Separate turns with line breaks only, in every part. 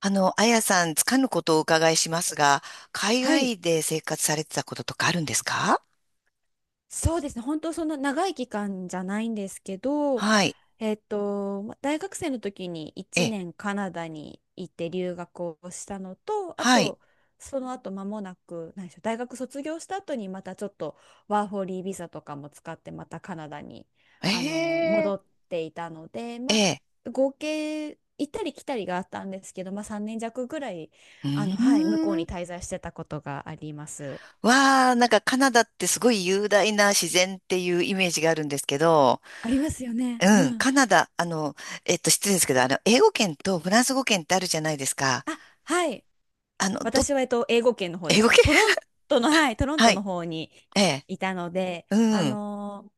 あやさん、つかぬことをお伺いしますが、海
はい。
外で生活されてたこととかあるんですか？
そうですね。本当そんな長い期間じゃないんですけど、
はい。
大学生の時に
え
1
え、
年カナダに行って留学をしたのと、あ
はい。
と、その後間もなく、何でしょう、大学卒業した後にまたちょっとワーホリービザとかも使ってまたカナダに
ええ、
戻っていたので、
え
ま
え、
あ、合計行ったり来たりがあったんですけど、まあ、3年弱ぐらい
う
はい、向こう
ーん。
に滞在してたことがあります。
わあ、なんかカナダってすごい雄大な自然っていうイメージがあるんですけど、
ありますよね。う
うん、
ん。
カナダ、失礼ですけど、英語圏とフランス語圏ってあるじゃないですか。
あ、はい。
あの、ど、
私は、英語圏の方で
英
し
語
た。
圏
トロン トの、はい、トロン
は
トの
い。
方に
ええ、
いたので、
うん。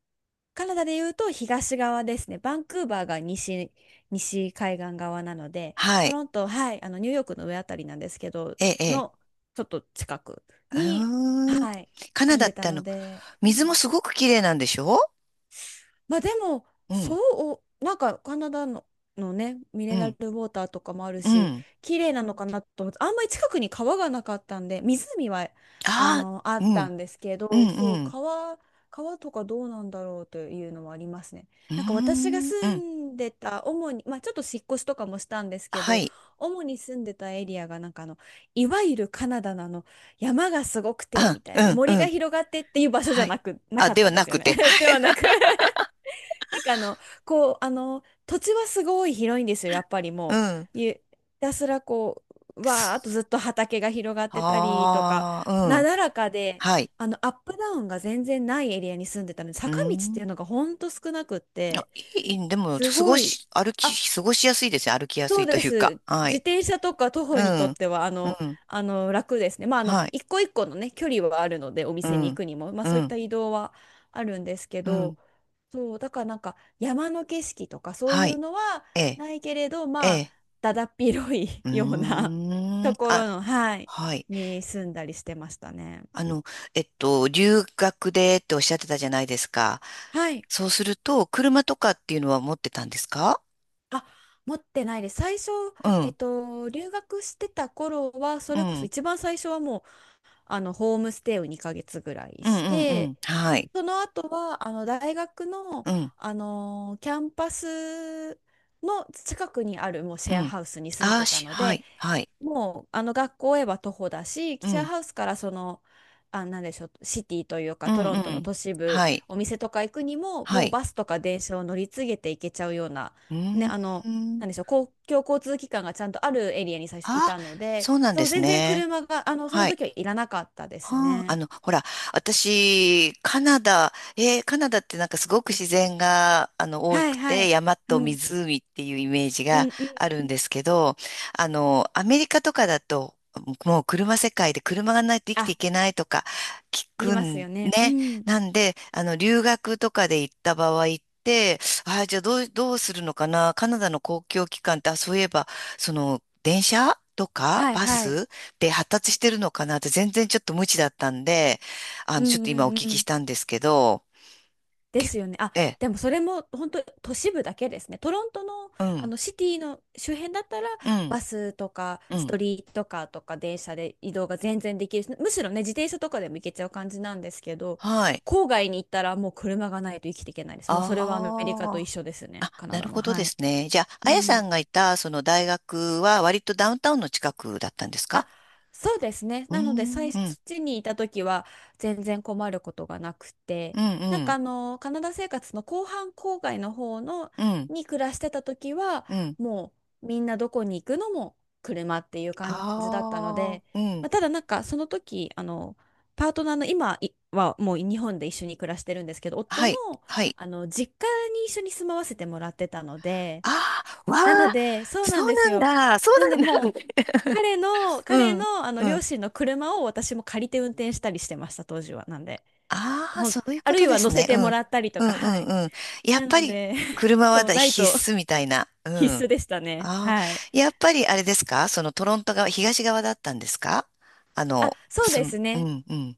カナダで言うと東側ですね。バンクーバーが西、西海岸側なので、
は
ト
い。
ロント、はい、ニューヨークの上あたりなんですけど、
ええ、え
の、ちょっと近く
え、
に、
うーん。
はい、
カナ
住ん
ダっ
で
て
たので、う
水も
ん。
すごく綺麗なんでしょ？
まあでも、
う
そ
ん、
う、カナダの、のね、ミ
う
ネラル
ん、
ウォーターとかもある
う
し、
ん。
綺麗なのかなと思って、あんまり近くに川がなかったんで、湖はあ
ああ、
の、あ
う
った
ん、
んですけ
う
ど、そ
ん、
う、
うん。
川とかどうなんだろうというのはありますね。
うー
なんか私が
ん、う
住
ん。
んでた、主に、まあちょっと引っ越しとかもしたんですけ
は
ど、
い。
主に住んでたエリアがなんかいわゆるカナダなの、山がすごくて
あ、
みたい
う
な
ん、う
森が
ん。
広がってっていう場所じゃ
はい。
なくな
あ、
かっ
で
た
は
んで
な
すよ
くて。
ね ではなく、なんか土地はすごい広いんですよ、やっぱり
う
も
ん。
う。たすらこう、
す、
わーっとずっと畑が広がってたりとか、
ああ、う
な
ん。
だらかで、
はい。
アップダウンが全然ないエリアに住んでたので、
うー
坂道って
ん。
いうのがほんと少なくっ
あ、
て、
いい、でも、
すごい、あ、
過ごしやすいですね。歩きやす
そう
いと
で
いうか。
す。
は
自
い。
転車とか徒
う
歩にとっ
ん、
ては
うん、
楽ですね。まあ、あの
はい。
一個一個のね距離はあるのでお
う
店に行
ん、
くにも、まあ、
う
そういっ
ん、
た移動はあるんですけ
うん。
ど、そうだからなんか山の景色とかそうい
は
う
い。
のは
ええ、
ないけれど、
え
まあ
え。
だだっ広い
う
ような
ーん。
ところ
あ、
の、はい、
はい。
に住んだりしてましたね。
あの、留学でっておっしゃってたじゃないですか。
はい。
そうすると、車とかっていうのは持ってたんですか？
あ、持ってないです。最初、
うん、
留学してた頃は、そ
うん、
れこ
う
そ
ん、
一番最初はもうあのホームステイを2ヶ月ぐらい
う
し
ん、う
て、
ん、はい、
その後はあの大学の、
うん、
あのキャンパスの近くにあるもうシ
う
ェア
ん。
ハウスに住ん
あ
で
ー
た
し、
の
は
で、
い、はい、
もうあの学校へは徒歩だし、
う
記者
ん、
ハウスからその、あ、なんでしょう、シティというか
う
ト
ん、
ロ
う
ントの
ん、
都市部、
はい、
お店とか行くにも、
は
もう
い。
バスとか電車を乗り継げて行けちゃうような、
う
ね、
ーん。
なんでしょう、公共交通機関がちゃんとあるエリアに最初い
ああ、
たので、
そうなん
そ
で
う、
す
全然
ね。
車が、その
はい。
時はいらなかったです
はあ、
ね。
ほら、私、カナダ、カナダってなんかすごく自然が、多
は
く
いは
て、
い。
山
う
と
ん。
湖っていうイメージ
う
が
んうん
ある
う
ん
ん。
ですけど、アメリカとかだと、もう車世界で車がないと生きてい
あ、
けないとか聞
言い
く
ます
ん
よね。う
ね。
ん。
なんで、留学とかで行った場合って、ああ、じゃあどうするのかな。カナダの公共機関って、あ、そういえば、その、電車とか
はい
バ
はい。
スって発達してるのかなって全然ちょっと無知だったんで、
う
ちょっ
ん
と今お
うん
聞
う
きし
ん。
たんですけど、
で
け、
すよね。あ、
ええ、
でもそれも本当都市部だけですね。トロントの、
う
あ
ん、
のシティの周辺だったら
うん、
バスとか
う
ス
ん、
トリートカーとか電車で移動が全然できるし、むしろね、自転車とかでも行けちゃう感じなんですけど、
はい。
郊外に行ったらもう車がないと生きていけないです。もうそれはアメリカ
あ
と一
あ、
緒ですね。カナ
な
ダ
る
も。
ほどで
はい。
すね。じゃあ、
う
あやさ
ん。
んがいたその大学は割とダウンタウンの近くだったんですか？
あ、そうですね。
うー
なので、
ん、
最
う
そっ
ん、
ちにいた時は全然困ることがなくて、
うん、
なん
う
か
ん、
カナダ生活の後半郊外の方の
うん、
に暮らしてた時は、
うん。
もうみんなどこに行くのも車っていう感じだったの
ああ、
で、
うん、
まあ、ただなんかその時、パートナーの今いはもう日本で一緒に暮らしてるんですけど、夫
は
の、
い、はい。
あの実家に一緒に住まわせてもらってたので、
ああ、わ
なの
あ、
で、そう
そ
な
う
んです
なん
よ。
だ、そ
なんで
うなん
もう、
だ。
彼の、
う
彼
ん、
の、
う
両
ん。
親の車を私も借りて運転したりしてました、当時は。なんで、
ああ、
ほん、
そういう
あ
こ
る
と
い
で
は
す
乗せ
ね。う
ても
ん。
らったりと
う
か、
ん、う
はい。
ん、うん。やっ
な
ぱ
の
り
で、
車は
そう、
だ
ない
必
と
須みたいな。う
必
ん。
須でしたね。
ああ、
はい。
やっぱりあれですか、そのトロント側、東側だったんですか？あ
あ、
の、
そう
す
で
ん、
す
う
ね。
ん、うん。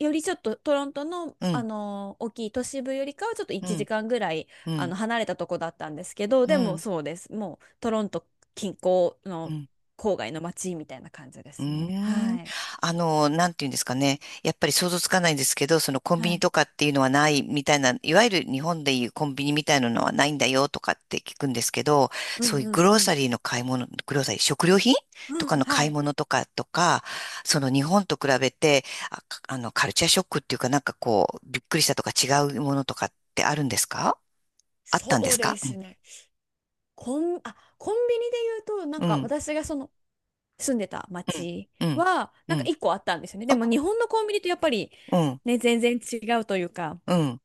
よりちょっとトロントの、
うん、
大きい都市部よりかはちょっと
う
1
ん、
時間ぐらい、
うん、
離れたとこだったんですけど、
う
でも
ん、
そうです。もう、トロント近郊
う
の
ん。
郊外の街みたいな感じで
う
すね。
ーん。
はい。
なんていうんですかね。やっぱり想像つかないんですけど、そのコンビ
は
ニ
い。
とかっていうのはないみたいな、いわゆる日本でいうコンビニみたいなのはないんだよとかって聞くんですけど、
う
そう
ん
いう
う
グ
ん
ロー
う
サ
ん。
リーの買い物、グローサリー、食料品と
うん、
かの買
は
い
い。
物とかとか、その日本と比べて、カルチャーショックっていうかなんかこう、びっくりしたとか違うものとかってあるんですか？あった
そ
んで
う
す
で
か？う
す
ん。
ね。コンビニで言うと、なん
う
か
ん。
私がその住んでた町
うん。
は、
う
な
ん。
ん
う
か
ん、
一個あったんですよね。で
あ、
も日本のコンビニとやっぱり
うん。
ね、全然違うというか、
うん。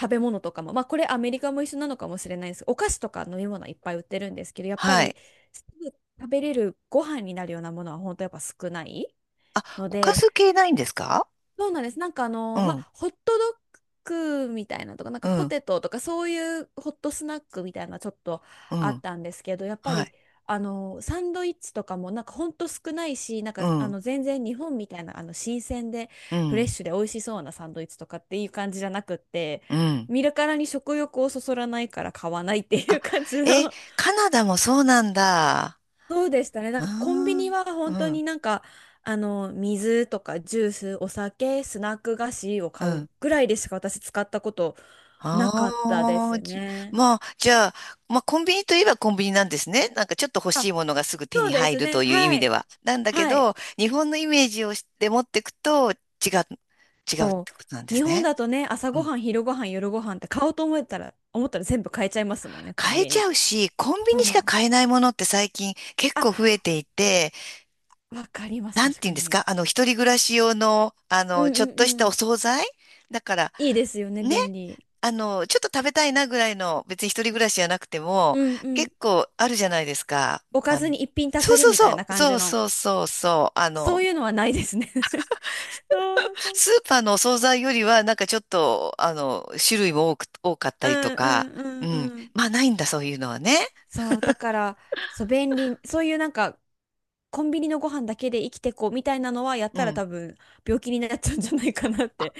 食べ物とかも、まあこれアメリカも一緒なのかもしれないです。お菓子とか飲み物はいっぱい売ってるんですけど、やっぱ
は
り
い。
すぐ食べれるご飯になるようなものは本当やっぱ少ない
あ、
の
おか
で、
ず系ないんですか？
そうなんです。なんか
う
ま
ん、
あ、ホットドッグみたいなとか、なん
う
かポ
ん、
テトとか、そういうホットスナックみたいなちょっと
う
あっ
ん、
たんですけど、やっぱ
は
り、
い。
サンドイッチとかも、なんかほんと少ないし、なん
う
か、
ん、
全然日本みたいな、新鮮で、
う
フレッ
ん、
シュで美味しそうなサンドイッチとかっていう感じじゃなくって、
うん。
見るからに食欲をそそらないから買わないってい
あ、
う感じ
え、
の
カナダもそうなんだ。あ
そうでしたね。だからコンビニ
ー、
は
う
本当
ん、
になんか、水とかジュース、お酒、スナック菓子を
う
買
ん。
うぐらいでしか私使ったことなかったで
ああ、
す
じ、
ね。
まあ、じゃあ、まあ、コンビニといえばコンビニなんですね。なんかちょっと欲し
あ、
いものがすぐ手
そ
に
うで
入
す
る
ね。
という意味
は
で
い。
は。なんだけ
はい。
ど、日本のイメージをして持っていくと違う、違うっ
そ
てことなんで
う。日
す
本
ね。
だとね、朝
う
ご
ん、
はん、昼ごはん、夜ごはんって買おうと思ったら全部買えちゃいますもんね、コン
買え
ビ
ちゃ
ニ。
うし、コンビ
そ
ニしか
う。
買えないものって最近結構増
あ、
えていて、
わかります、
なん
確
ていうん
か
です
に。
か、一人暮らし用の、
うんう
ちょっとし
んう
たお
ん。
惣菜だから、
いいですよね、
ね、
便利。
ちょっと食べたいなぐらいの、別に一人暮らしじゃなくて
う
も、
んう
結
ん。
構あるじゃないですか。
おかずに一品足
そ
せ
う
る
そう
みたいな
そう、
感
そ
じ
う
の。
そうそうそう、
そういうのはないですね そう、なんか、
スーパーのお惣菜よりは、なんかちょっと、種類も多く、多かった
う
りと
んう
か、う
んう
ん。
んうん。
まあ、ないんだ、そういうのはね。
そう、だから、そう、便利、そういうなんか、コンビニのご飯だけで生きてこうみたいなのはやっ
う
たら
ん、
多分病気になっちゃうんじゃないかなって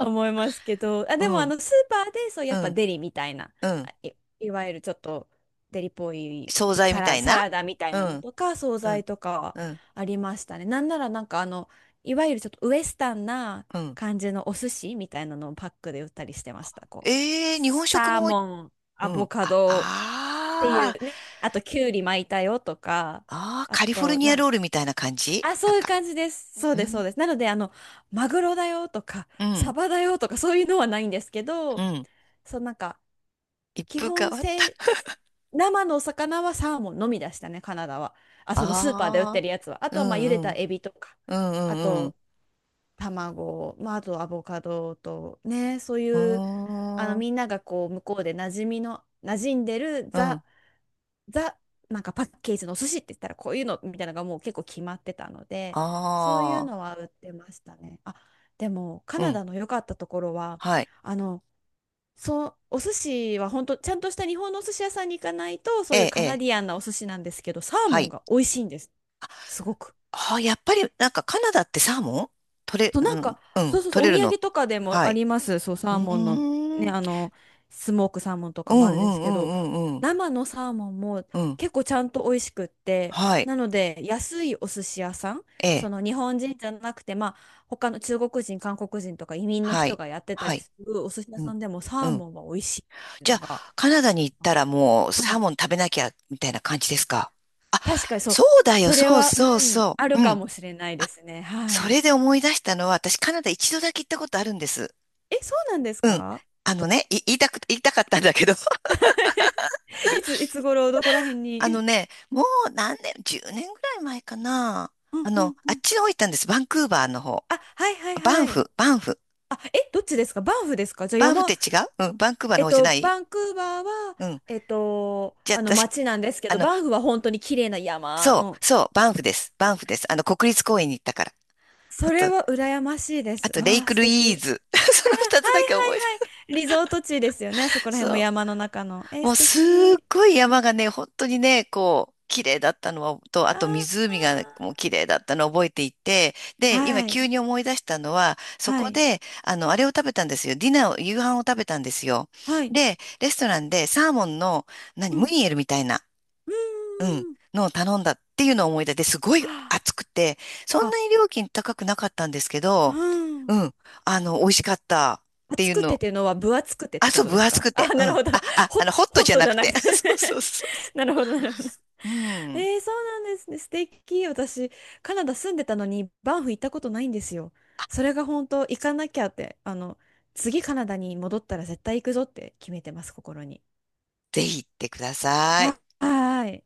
思いますけど、あ、
う
でもあ
ん、
のスーパーでそうや
う
っぱ
ん、
デリみたいな、
う
あ
ん。
い、いわゆるちょっとデリっぽい
惣菜みたい
サ
な。
ラダみたい
う
なの
ん、
とか惣
う
菜
ん、
とかは
うん、
ありましたね。なんならなんかあのいわゆるちょっとウエスタンな
うん。
感じのお寿司みたいなのをパックで売ったりしてました。こう
ええ、日本食
サー
も。
モ
う
ン、アボ
ん。
カ
あ、
ドってい
あー、
うね、あときゅうり巻いたよとか、
あー、
あ
カリフォル
と
ニア
な、
ロールみたいな感じ
あ、
なん
そういう
か、
感じです。そう
う
です、そ
ん、
うです。なので、マグロだよとか、
う
サ
ん、
バだよとか、そういうのはないんですけ
う
ど、
ん。
そう、なんか、
一
基
風変
本
わった。
せ、生のお魚はサーモンのみでしたね、カナダは。あ、そのスーパーで売って
ああ、
るやつは。あ
う
とは、まあ、茹で
ん、う
た
ん、
エビとか、
うん、
あ
うん、うん。
と、卵、まあ、あとアボカドと、ね、そういう、
うーん、
みんながこう、向こうで馴染んでる
うん。
ザ、なんかパッケージのお寿司って言ったらこういうのみたいなのがもう結構決まってたので、そういう
ああ、
のは売ってましたね。あ、でもカ
う
ナ
ん。
ダの良かったところは、
はい。
あの、そう、お寿司は本当ちゃんとした日本のお寿司屋さんに行かないと、
え
そういう
え、え
カナ
え、
ディアンなお寿司なんですけど、サー
は
モン
い。
が美味しいんです。すごく。
ああ、やっぱり、なんかカナダってサーモン取れ、
と、
う
なんか、
ん、う
そ
ん、
うそうそ
取
う、お
れる
土
の？
産とかでも
は
あ
い。
ります。そう、
う
サー
ー
モンの、
ん、
ね、
うん、
スモークサーモンと
う
かも
ん、
ある
う
んです
ん、
けど、
うん、うん。
生のサーモンも
うん、
結構ちゃんと美味しくって、
はい。
なので、安いお寿司屋さん、
え
そ
え、
の日本人じゃなくて、まあ、他の中国人、韓国人とか移民の
は
人
い。
がやってた
は
り
い。
するお寿司屋
う
さ
ん。
んでも
う
サー
ん、
モンは美味しいっていう
じゃ
の
あ、
が、
カナダに行ったらもう
は
サー
い。
モン食べなきゃ、みたいな感じですか？あ、
確かにそ
そ
う、
うだよ、
それ
そう
は、
そう
うん、
そ
あ
う。
る
う
か
ん。
もしれないで
あ、
すね。は
そ
い。
れで思い出したのは、私カナダ一度だけ行ったことあるんです。
え、そうなんですか？
あのね、言いたかったんだけど、
いつ、いつ頃、どこら辺
あの
に？
ね、もう何年、10年ぐらい前かな。
うんうんう
あっ
ん。
ちの方行ったんです。バンクーバーの方。
あ、はいはいはい。
バンフ。
あ、え、どっちですか？バンフですか？じゃあ
バンフって
山、
違う、うん、バンクーバーの方じゃない？
バンクーバーは、
うん。じゃあ、
あの
私、
街なんですけ
あ
ど、
の、
バンフは本当に綺麗な山の。
そう、バンフです。国立公園に行ったから。
それは羨ましいで
あ
す。
と、レイ
わあ、
ク
素
ルイー
敵。
ズ。その二つだけ覚えてる。
リゾート地ですよね。あそこら
そ
辺も山
う。
の中の。えー、
もう
素
すっ
敵。
ごい山がね、本当にね、こう、綺麗だったのと、あ
あ
と湖がもう
ー、
綺麗だったのを覚えていて、で、今
は
急
い。
に思い出したのは、そ
は
こ
い。
で、あれを食べたんですよ。ディナーを、夕飯を食べたんですよ。
はい。
で、レストランでサーモンの、何、
う
ム
ん。
ニエルみたいな、
うー
うん、
ん。
のを頼んだっていうのを思い出して、すごい
は
暑くて、そ
あ、
ん
あ、
なに料金高くなかったんですけ
う
ど、
ん。
うん、美味しかった。ってい
厚
う
くてっ
の、
ていうのは分厚くてっ
あ、
てこ
そう、
とで
分
す
厚
か？
く
あ、
て。う
なる
ん。
ほど。ホッ、
ホット
ホッ
じゃ
ト
な
じ
く
ゃな
て。
くて
そうそうそうそ
なるほど、なるほど。
う。うん。
えー、そうなんですね。素敵。私、カナダ住んでたのに、バンフ行ったことないんですよ。それが本当、行かなきゃって、次カナダに戻ったら絶対行くぞって決めてます、心に。
ぜひ行ってください。
あ、はーい。